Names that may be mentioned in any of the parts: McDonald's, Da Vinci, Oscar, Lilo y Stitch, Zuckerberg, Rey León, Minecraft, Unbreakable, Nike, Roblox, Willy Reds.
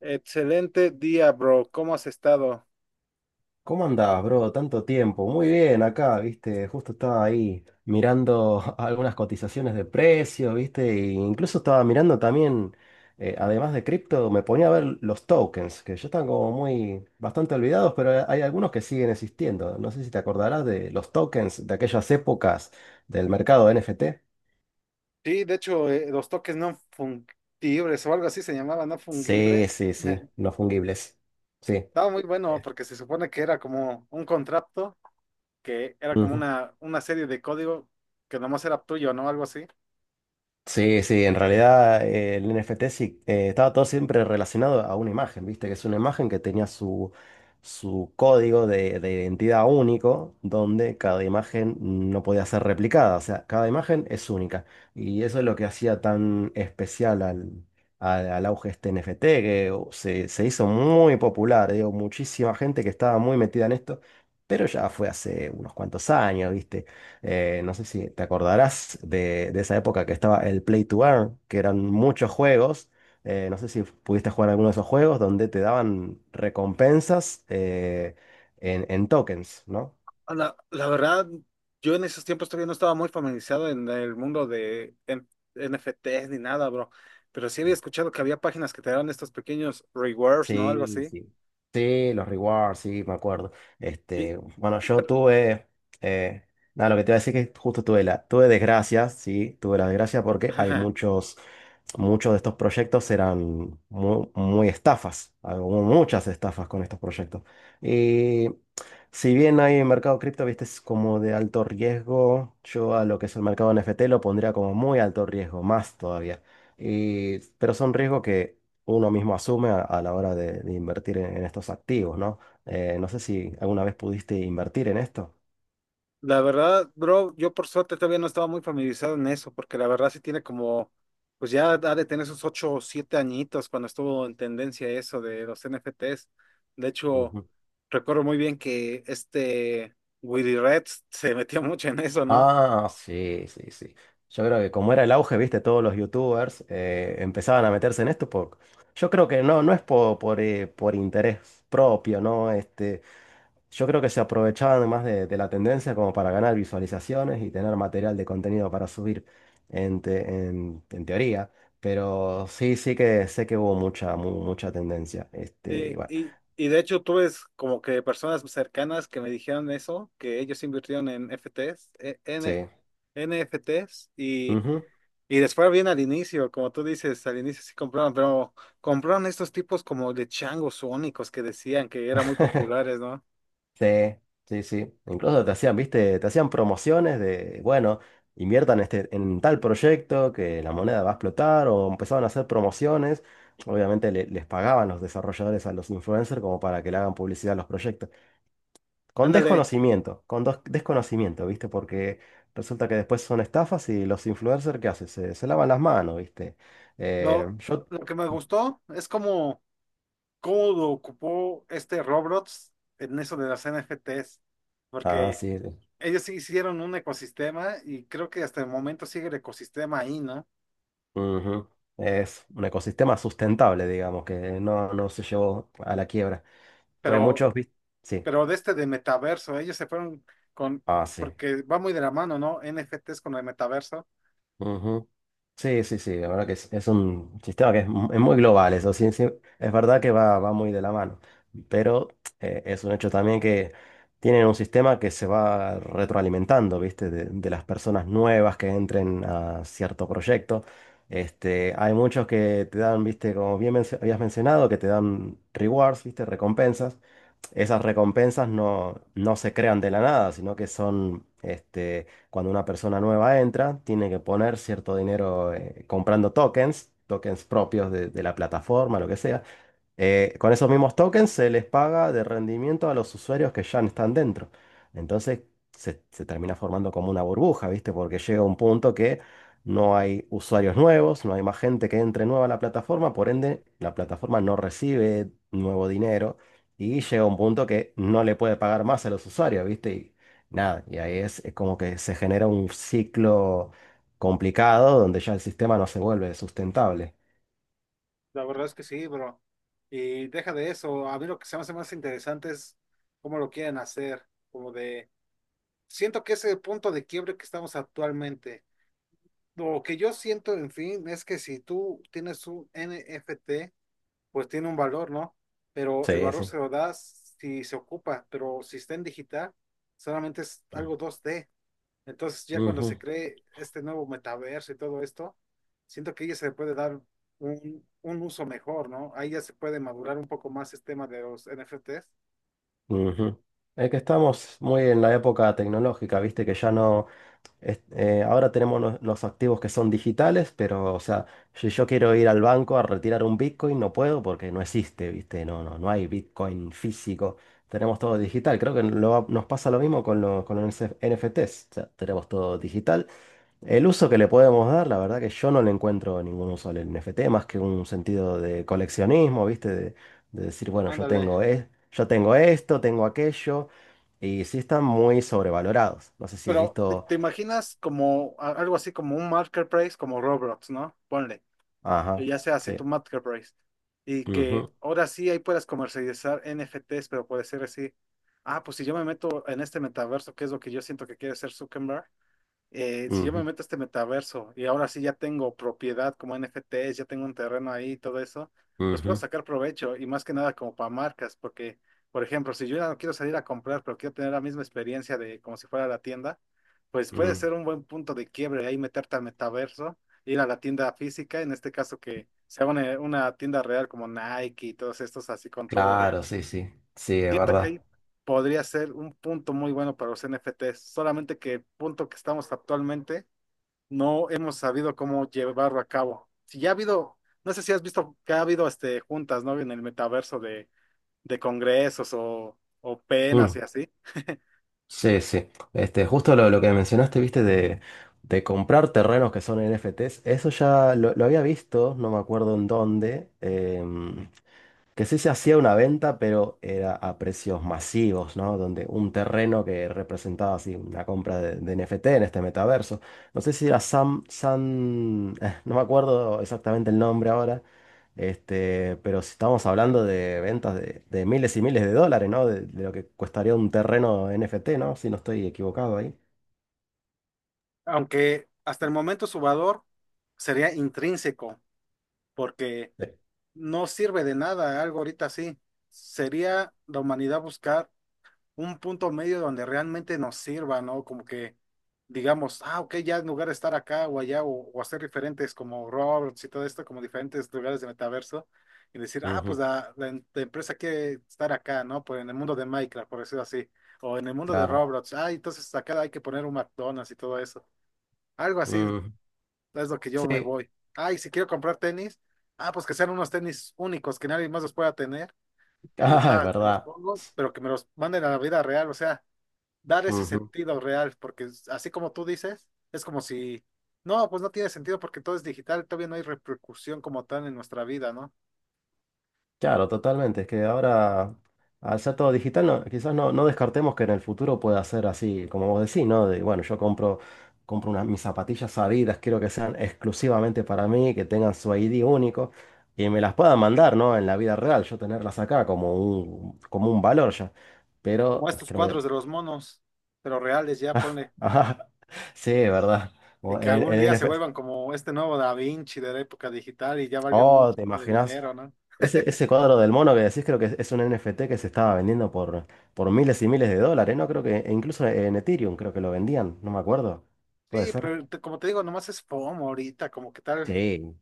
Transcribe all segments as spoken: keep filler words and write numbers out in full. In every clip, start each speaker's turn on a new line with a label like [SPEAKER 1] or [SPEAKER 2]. [SPEAKER 1] Excelente día, bro. ¿Cómo has estado?
[SPEAKER 2] ¿Cómo andás, bro? Tanto tiempo. Muy bien, acá, viste, justo estaba ahí mirando algunas cotizaciones de precios, viste, e incluso estaba mirando también, eh, además de cripto, me ponía a ver los tokens, que ya están como muy, bastante olvidados, pero hay hay algunos que siguen existiendo. No sé si te acordarás de los tokens de aquellas épocas del mercado N F T.
[SPEAKER 1] Sí, de hecho, eh, los toques no fungibles o algo así se llamaba, no
[SPEAKER 2] Sí,
[SPEAKER 1] fungibles
[SPEAKER 2] sí, sí, no fungibles. Sí.
[SPEAKER 1] Estaba muy bueno porque se supone que era como un contrato, que era como
[SPEAKER 2] Ujú.
[SPEAKER 1] una, una serie de código que nomás era tuyo, ¿no? Algo así.
[SPEAKER 2] Sí, sí, en realidad eh, el N F T sí, eh, estaba todo siempre relacionado a una imagen, viste, que es una imagen que tenía su, su código de, de identidad único, donde cada imagen no podía ser replicada, o sea, cada imagen es única. Y eso es lo que hacía tan especial al, al, al auge este N F T, que uh, se, se hizo muy popular, digo, muchísima gente que estaba muy metida en esto, pero ya fue hace unos cuantos años, viste. Eh, no sé si te acordarás de, de esa época que estaba el Play to Earn, que eran muchos juegos. Eh, no sé si pudiste jugar alguno de esos juegos donde te daban recompensas eh, en, en tokens, ¿no?
[SPEAKER 1] Ah, La, la verdad, yo en esos tiempos todavía no estaba muy familiarizado en el mundo de en- N F Ts ni nada, bro. Pero sí había escuchado que había páginas que te daban estos pequeños rewards, ¿no? Algo
[SPEAKER 2] Sí,
[SPEAKER 1] así.
[SPEAKER 2] sí. Sí, los rewards, sí, me acuerdo.
[SPEAKER 1] Y,
[SPEAKER 2] Este, bueno,
[SPEAKER 1] y-
[SPEAKER 2] yo
[SPEAKER 1] pero-
[SPEAKER 2] tuve, eh, nada, lo que te iba a decir es que justo tuve la, tuve desgracias, sí, tuve la desgracia porque hay muchos, muchos de estos proyectos eran muy, muy estafas, hubo muchas estafas con estos proyectos. Y si bien hay mercado cripto, viste, es como de alto riesgo, yo a lo que es el mercado N F T lo pondría como muy alto riesgo, más todavía. Y, pero son riesgos que uno mismo asume a, a la hora de, de invertir en, en estos activos, ¿no? Eh, no sé si alguna vez pudiste invertir en esto.
[SPEAKER 1] La verdad, bro, yo por suerte todavía no estaba muy familiarizado en eso, porque la verdad sí tiene como, pues ya ha de tener esos ocho o siete añitos cuando estuvo en tendencia eso de los N F Ts. De hecho,
[SPEAKER 2] Ujú.
[SPEAKER 1] recuerdo muy bien que este Willy Reds se metió mucho en eso, ¿no?
[SPEAKER 2] Ah, sí, sí, sí. Yo creo que como era el auge, viste, todos los youtubers eh, empezaban a meterse en esto por... Yo creo que no, no es po- por, eh, por interés propio, ¿no? Este, yo creo que se aprovechaban más de, de la tendencia como para ganar visualizaciones y tener material de contenido para subir en, te- en- en teoría. Pero sí, sí que sé que hubo mucha, mu- mucha tendencia. Este, y
[SPEAKER 1] Y,
[SPEAKER 2] bueno,
[SPEAKER 1] y, y de hecho tuve es como que personas cercanas que me dijeron eso, que ellos invirtieron en F Ts, eh, N-
[SPEAKER 2] sí.
[SPEAKER 1] NFTs.
[SPEAKER 2] Ujú.
[SPEAKER 1] Y después bien al inicio, como tú dices, al inicio sí compraban, pero compraron estos tipos como de changos sónicos que decían que eran muy populares, ¿no?
[SPEAKER 2] Sí, sí, sí. Incluso te hacían, viste, te hacían promociones de, bueno, inviertan este, en tal proyecto que la moneda va a explotar o empezaban a hacer promociones. Obviamente le- les pagaban los desarrolladores a los influencers como para que le hagan publicidad a los proyectos. Con
[SPEAKER 1] Ándale,
[SPEAKER 2] desconocimiento, con dos- desconocimiento, ¿viste? Porque resulta que después son estafas y los influencers, ¿qué hacen? Se, se lavan las manos, ¿viste? Eh,
[SPEAKER 1] no,
[SPEAKER 2] yo...
[SPEAKER 1] lo que me gustó es como cómo lo ocupó este Roblox en eso de las N F Ts,
[SPEAKER 2] Ah,
[SPEAKER 1] porque
[SPEAKER 2] sí. Sí.
[SPEAKER 1] ellos sí hicieron un ecosistema y creo que hasta el momento sigue el ecosistema ahí, ¿no?
[SPEAKER 2] Ujú. Es un ecosistema sustentable, digamos, que no, no se llevó a la quiebra. Entonces
[SPEAKER 1] Pero,
[SPEAKER 2] muchos, ¿viste? Sí.
[SPEAKER 1] pero de este de metaverso, ellos se fueron con,
[SPEAKER 2] Ah, sí.
[SPEAKER 1] porque va muy de la mano, ¿no? N F Ts con el metaverso.
[SPEAKER 2] Sí, sí, sí, la verdad que es, es un sistema que es, mu- es muy global, eso sí, sí, es verdad que va, va muy de la mano, pero eh, es un hecho también que tienen un sistema que se va retroalimentando, ¿viste? De, de las personas nuevas que entren a cierto proyecto. Este, hay muchos que te dan, ¿viste? Como bien mencio- habías mencionado, que te dan rewards, ¿viste? Recompensas, esas recompensas no, no se crean de la nada, sino que son, este, cuando una persona nueva entra, tiene que poner cierto dinero eh, comprando tokens, tokens propios de, de la plataforma, lo que sea. Eh, con esos mismos tokens se les paga de rendimiento a los usuarios que ya están dentro. Entonces se, se termina formando como una burbuja, ¿viste? Porque llega un punto que no hay usuarios nuevos, no hay más gente que entre nueva a la plataforma, por ende la plataforma no recibe nuevo dinero y llega un punto que no le puede pagar más a los usuarios, ¿viste? Y nada, y ahí es, es como que se genera un ciclo complicado donde ya el sistema no se vuelve sustentable.
[SPEAKER 1] La verdad es que sí, bro. Y deja de eso. A mí lo que se me hace más interesante es cómo lo quieren hacer. Como de, siento que ese punto de quiebre que estamos actualmente. Lo que yo siento, en fin, es que si tú tienes un N F T, pues tiene un valor, ¿no? Pero el
[SPEAKER 2] Sí,
[SPEAKER 1] valor
[SPEAKER 2] sí.
[SPEAKER 1] se lo das si se ocupa, pero si está en digital, solamente es algo dos d, entonces, ya cuando
[SPEAKER 2] Ujú.
[SPEAKER 1] se cree este nuevo metaverso y todo esto, siento que ahí ya se le puede dar un, un uso mejor, ¿no? Ahí ya se puede madurar un poco más este tema de los N F Ts.
[SPEAKER 2] Ujú. Es que estamos muy en la época tecnológica, viste que ya no, es- eh, ahora tenemos los, los activos que son digitales, pero o sea, si yo quiero ir al banco a retirar un Bitcoin, no puedo porque no existe, viste, no, no, no hay Bitcoin físico, tenemos todo digital. Creo que lo- nos pasa lo mismo con, lo- con los N F Ts, o sea, tenemos todo digital el uso que le podemos dar, la verdad que yo no le encuentro ningún uso al N F T, más que un sentido de coleccionismo, ¿viste? De, de decir, bueno, yo
[SPEAKER 1] Ándale.
[SPEAKER 2] tengo, es- yo tengo esto, tengo aquello, y sí están muy sobrevalorados. No sé si has
[SPEAKER 1] Pero, ¿te,
[SPEAKER 2] visto...
[SPEAKER 1] te imaginas como a- algo así como un marketplace como Roblox, ¿no? Ponle, que
[SPEAKER 2] Ajá,
[SPEAKER 1] ya sea así
[SPEAKER 2] sí.
[SPEAKER 1] tu marketplace. Y que
[SPEAKER 2] Ujú,
[SPEAKER 1] ahora sí ahí puedas comercializar N F Ts, pero puede ser así. Ah, pues si yo me meto en este metaverso, que es lo que yo siento que quiere ser Zuckerberg, eh, si yo me
[SPEAKER 2] ujú,
[SPEAKER 1] meto a este metaverso y ahora sí ya tengo propiedad como N F Ts, ya tengo un terreno ahí y todo eso, pues puedo sacar provecho y más que nada como para marcas, porque, por ejemplo, si yo ya no quiero salir a comprar, pero quiero tener la misma experiencia de como si fuera la tienda, pues
[SPEAKER 2] ujú,
[SPEAKER 1] puede ser
[SPEAKER 2] mm.
[SPEAKER 1] un buen punto de quiebre ahí meterte al metaverso, ir a la tienda física, en este caso que sea una, una tienda real como Nike y todos estos así con todo real.
[SPEAKER 2] Claro, sí, sí, sí, es
[SPEAKER 1] Siento que
[SPEAKER 2] verdad.
[SPEAKER 1] ahí podría ser un punto muy bueno para los N F Ts, solamente que el punto que estamos actualmente no hemos sabido cómo llevarlo a cabo. Si ya ha habido, no sé si has visto que ha habido este, juntas, ¿no? En el metaverso de, de congresos o, o penas y
[SPEAKER 2] Mm.
[SPEAKER 1] así.
[SPEAKER 2] Sí, sí. Este, justo lo, lo que mencionaste, viste, de, de comprar terrenos que son N F Ts, eso ya lo, lo había visto, no me acuerdo en dónde, em, que sí se hacía una venta, pero era a precios masivos, ¿no? Donde un terreno que representaba así una compra de, de N F T en este metaverso. No sé si era Sam, Sam, eh, no me acuerdo exactamente el nombre ahora, este, pero si estamos hablando de ventas de, de miles y miles de dólares, ¿no? De, de lo que costaría un terreno N F T, ¿no? Si no estoy equivocado ahí.
[SPEAKER 1] Aunque hasta el momento su valor sería intrínseco, porque
[SPEAKER 2] Sí.
[SPEAKER 1] no sirve de nada algo ahorita así. Sería la humanidad buscar un punto medio donde realmente nos sirva, ¿no? Como que digamos, ah, ok, ya en lugar de estar acá o allá o, o hacer diferentes como Roberts y todo esto, como diferentes lugares de metaverso, y decir, ah, pues
[SPEAKER 2] Ujú,
[SPEAKER 1] la, la em- la empresa quiere estar acá, ¿no? Pues en el mundo de Minecraft, por decirlo así, o en el mundo de
[SPEAKER 2] claro.
[SPEAKER 1] Roblox, ah, entonces acá hay que poner un McDonald's y todo eso. Algo así
[SPEAKER 2] Ujú.
[SPEAKER 1] es lo que yo me
[SPEAKER 2] Sí,
[SPEAKER 1] voy. Ah, y si quiero comprar tenis, ah, pues que sean unos tenis únicos que nadie más los pueda tener. Y
[SPEAKER 2] ah, es
[SPEAKER 1] va, te los
[SPEAKER 2] verdad.
[SPEAKER 1] pongo, pero que me los manden a la vida real, o sea, dar ese sentido real, porque es- así como tú dices, es como si, no, pues no tiene sentido porque todo es digital, todavía no hay repercusión como tal en nuestra vida, ¿no?
[SPEAKER 2] Claro, totalmente. Es que ahora, al ser todo digital, no- quizás no, no descartemos que en el futuro pueda ser así, como vos decís, ¿no? De, bueno, yo compro, compro unas, mis zapatillas Adidas, quiero que sean exclusivamente para mí, que tengan su I D único y me las puedan mandar, ¿no? En la vida real, yo tenerlas acá como un, como un valor ya.
[SPEAKER 1] Como
[SPEAKER 2] Pero
[SPEAKER 1] estos
[SPEAKER 2] creo que...
[SPEAKER 1] cuadros de los monos, pero reales ya, ponle,
[SPEAKER 2] Ajá, sí, ¿verdad?
[SPEAKER 1] y
[SPEAKER 2] Como En,
[SPEAKER 1] que
[SPEAKER 2] en
[SPEAKER 1] algún día se
[SPEAKER 2] N F S.
[SPEAKER 1] vuelvan como este nuevo Da Vinci de la época digital y ya valgan un
[SPEAKER 2] Oh, ¿te
[SPEAKER 1] chingo de
[SPEAKER 2] imaginas?
[SPEAKER 1] dinero, ¿no?
[SPEAKER 2] Ese, ese cuadro del mono que decís creo que es un N F T que se estaba vendiendo por, por miles y miles de dólares, ¿no? Creo que e incluso en Ethereum creo que lo vendían, no me acuerdo. Puede
[SPEAKER 1] Sí,
[SPEAKER 2] ser.
[SPEAKER 1] pero te- como te digo, nomás es FOMO ahorita, como que tal,
[SPEAKER 2] Sí,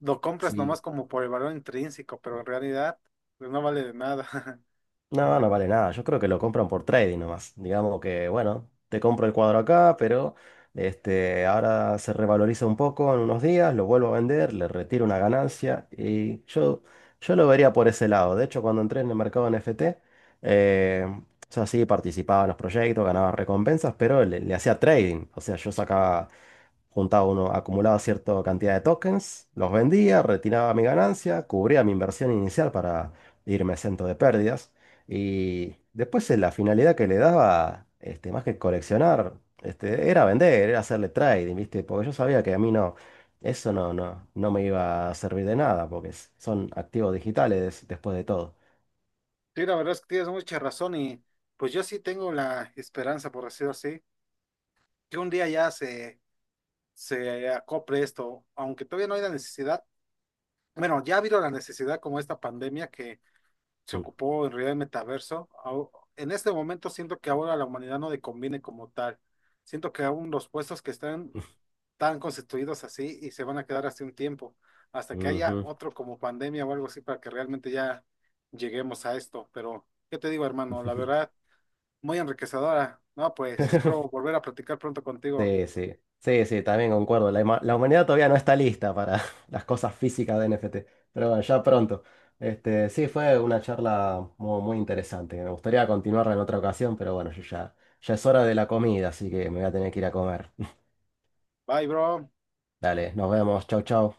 [SPEAKER 1] lo compras
[SPEAKER 2] sí.
[SPEAKER 1] nomás como por el valor intrínseco, pero en realidad, pues no vale de nada.
[SPEAKER 2] No, no vale nada. Yo creo que lo compran por trading nomás. Digamos que, bueno, te compro el cuadro acá, pero este, ahora se revaloriza un poco en unos días, lo vuelvo a vender, le retiro una ganancia y yo, yo lo vería por ese lado. De hecho, cuando entré en el mercado N F T, eh, o sea, sí participaba en los proyectos, ganaba recompensas, pero le, le hacía trading. O sea, yo sacaba, juntaba uno, acumulaba cierta cantidad de tokens, los vendía, retiraba mi ganancia, cubría mi inversión inicial para irme exento de pérdidas. Y después eh, la finalidad que le daba, este, más que coleccionar, este, era vender, era hacerle trading, ¿viste? Porque yo sabía que a mí no, eso no, no, no me iba a servir de nada, porque es- son activos digitales des- después de todo.
[SPEAKER 1] Sí, la verdad es que tienes mucha razón y pues yo sí tengo la esperanza, por decirlo así, que un día ya se, se acople esto, aunque todavía no hay la necesidad. Bueno, ya ha habido la necesidad como esta pandemia que se ocupó en realidad el metaverso. Au- En este momento siento que ahora a la humanidad no le conviene como tal. Siento que aún los puestos que están tan constituidos así y se van a quedar así un tiempo, hasta que
[SPEAKER 2] Mm, ujú.
[SPEAKER 1] haya otro como pandemia o algo así para que realmente ya lleguemos a esto. Pero, ¿qué te digo, hermano? La verdad. Muy enriquecedora. No, pues espero volver a platicar pronto contigo.
[SPEAKER 2] Sí, sí, sí, sí, también concuerdo. La, huma- la humanidad todavía no está lista para las cosas físicas de N F T, pero bueno, ya pronto. Este, sí, fue una charla muy, muy interesante. Me gustaría continuarla en otra ocasión, pero bueno, yo ya, ya es hora de la comida, así que me voy a tener que ir a comer.
[SPEAKER 1] Bye, bro.
[SPEAKER 2] Dale, nos vemos. Chau, chau.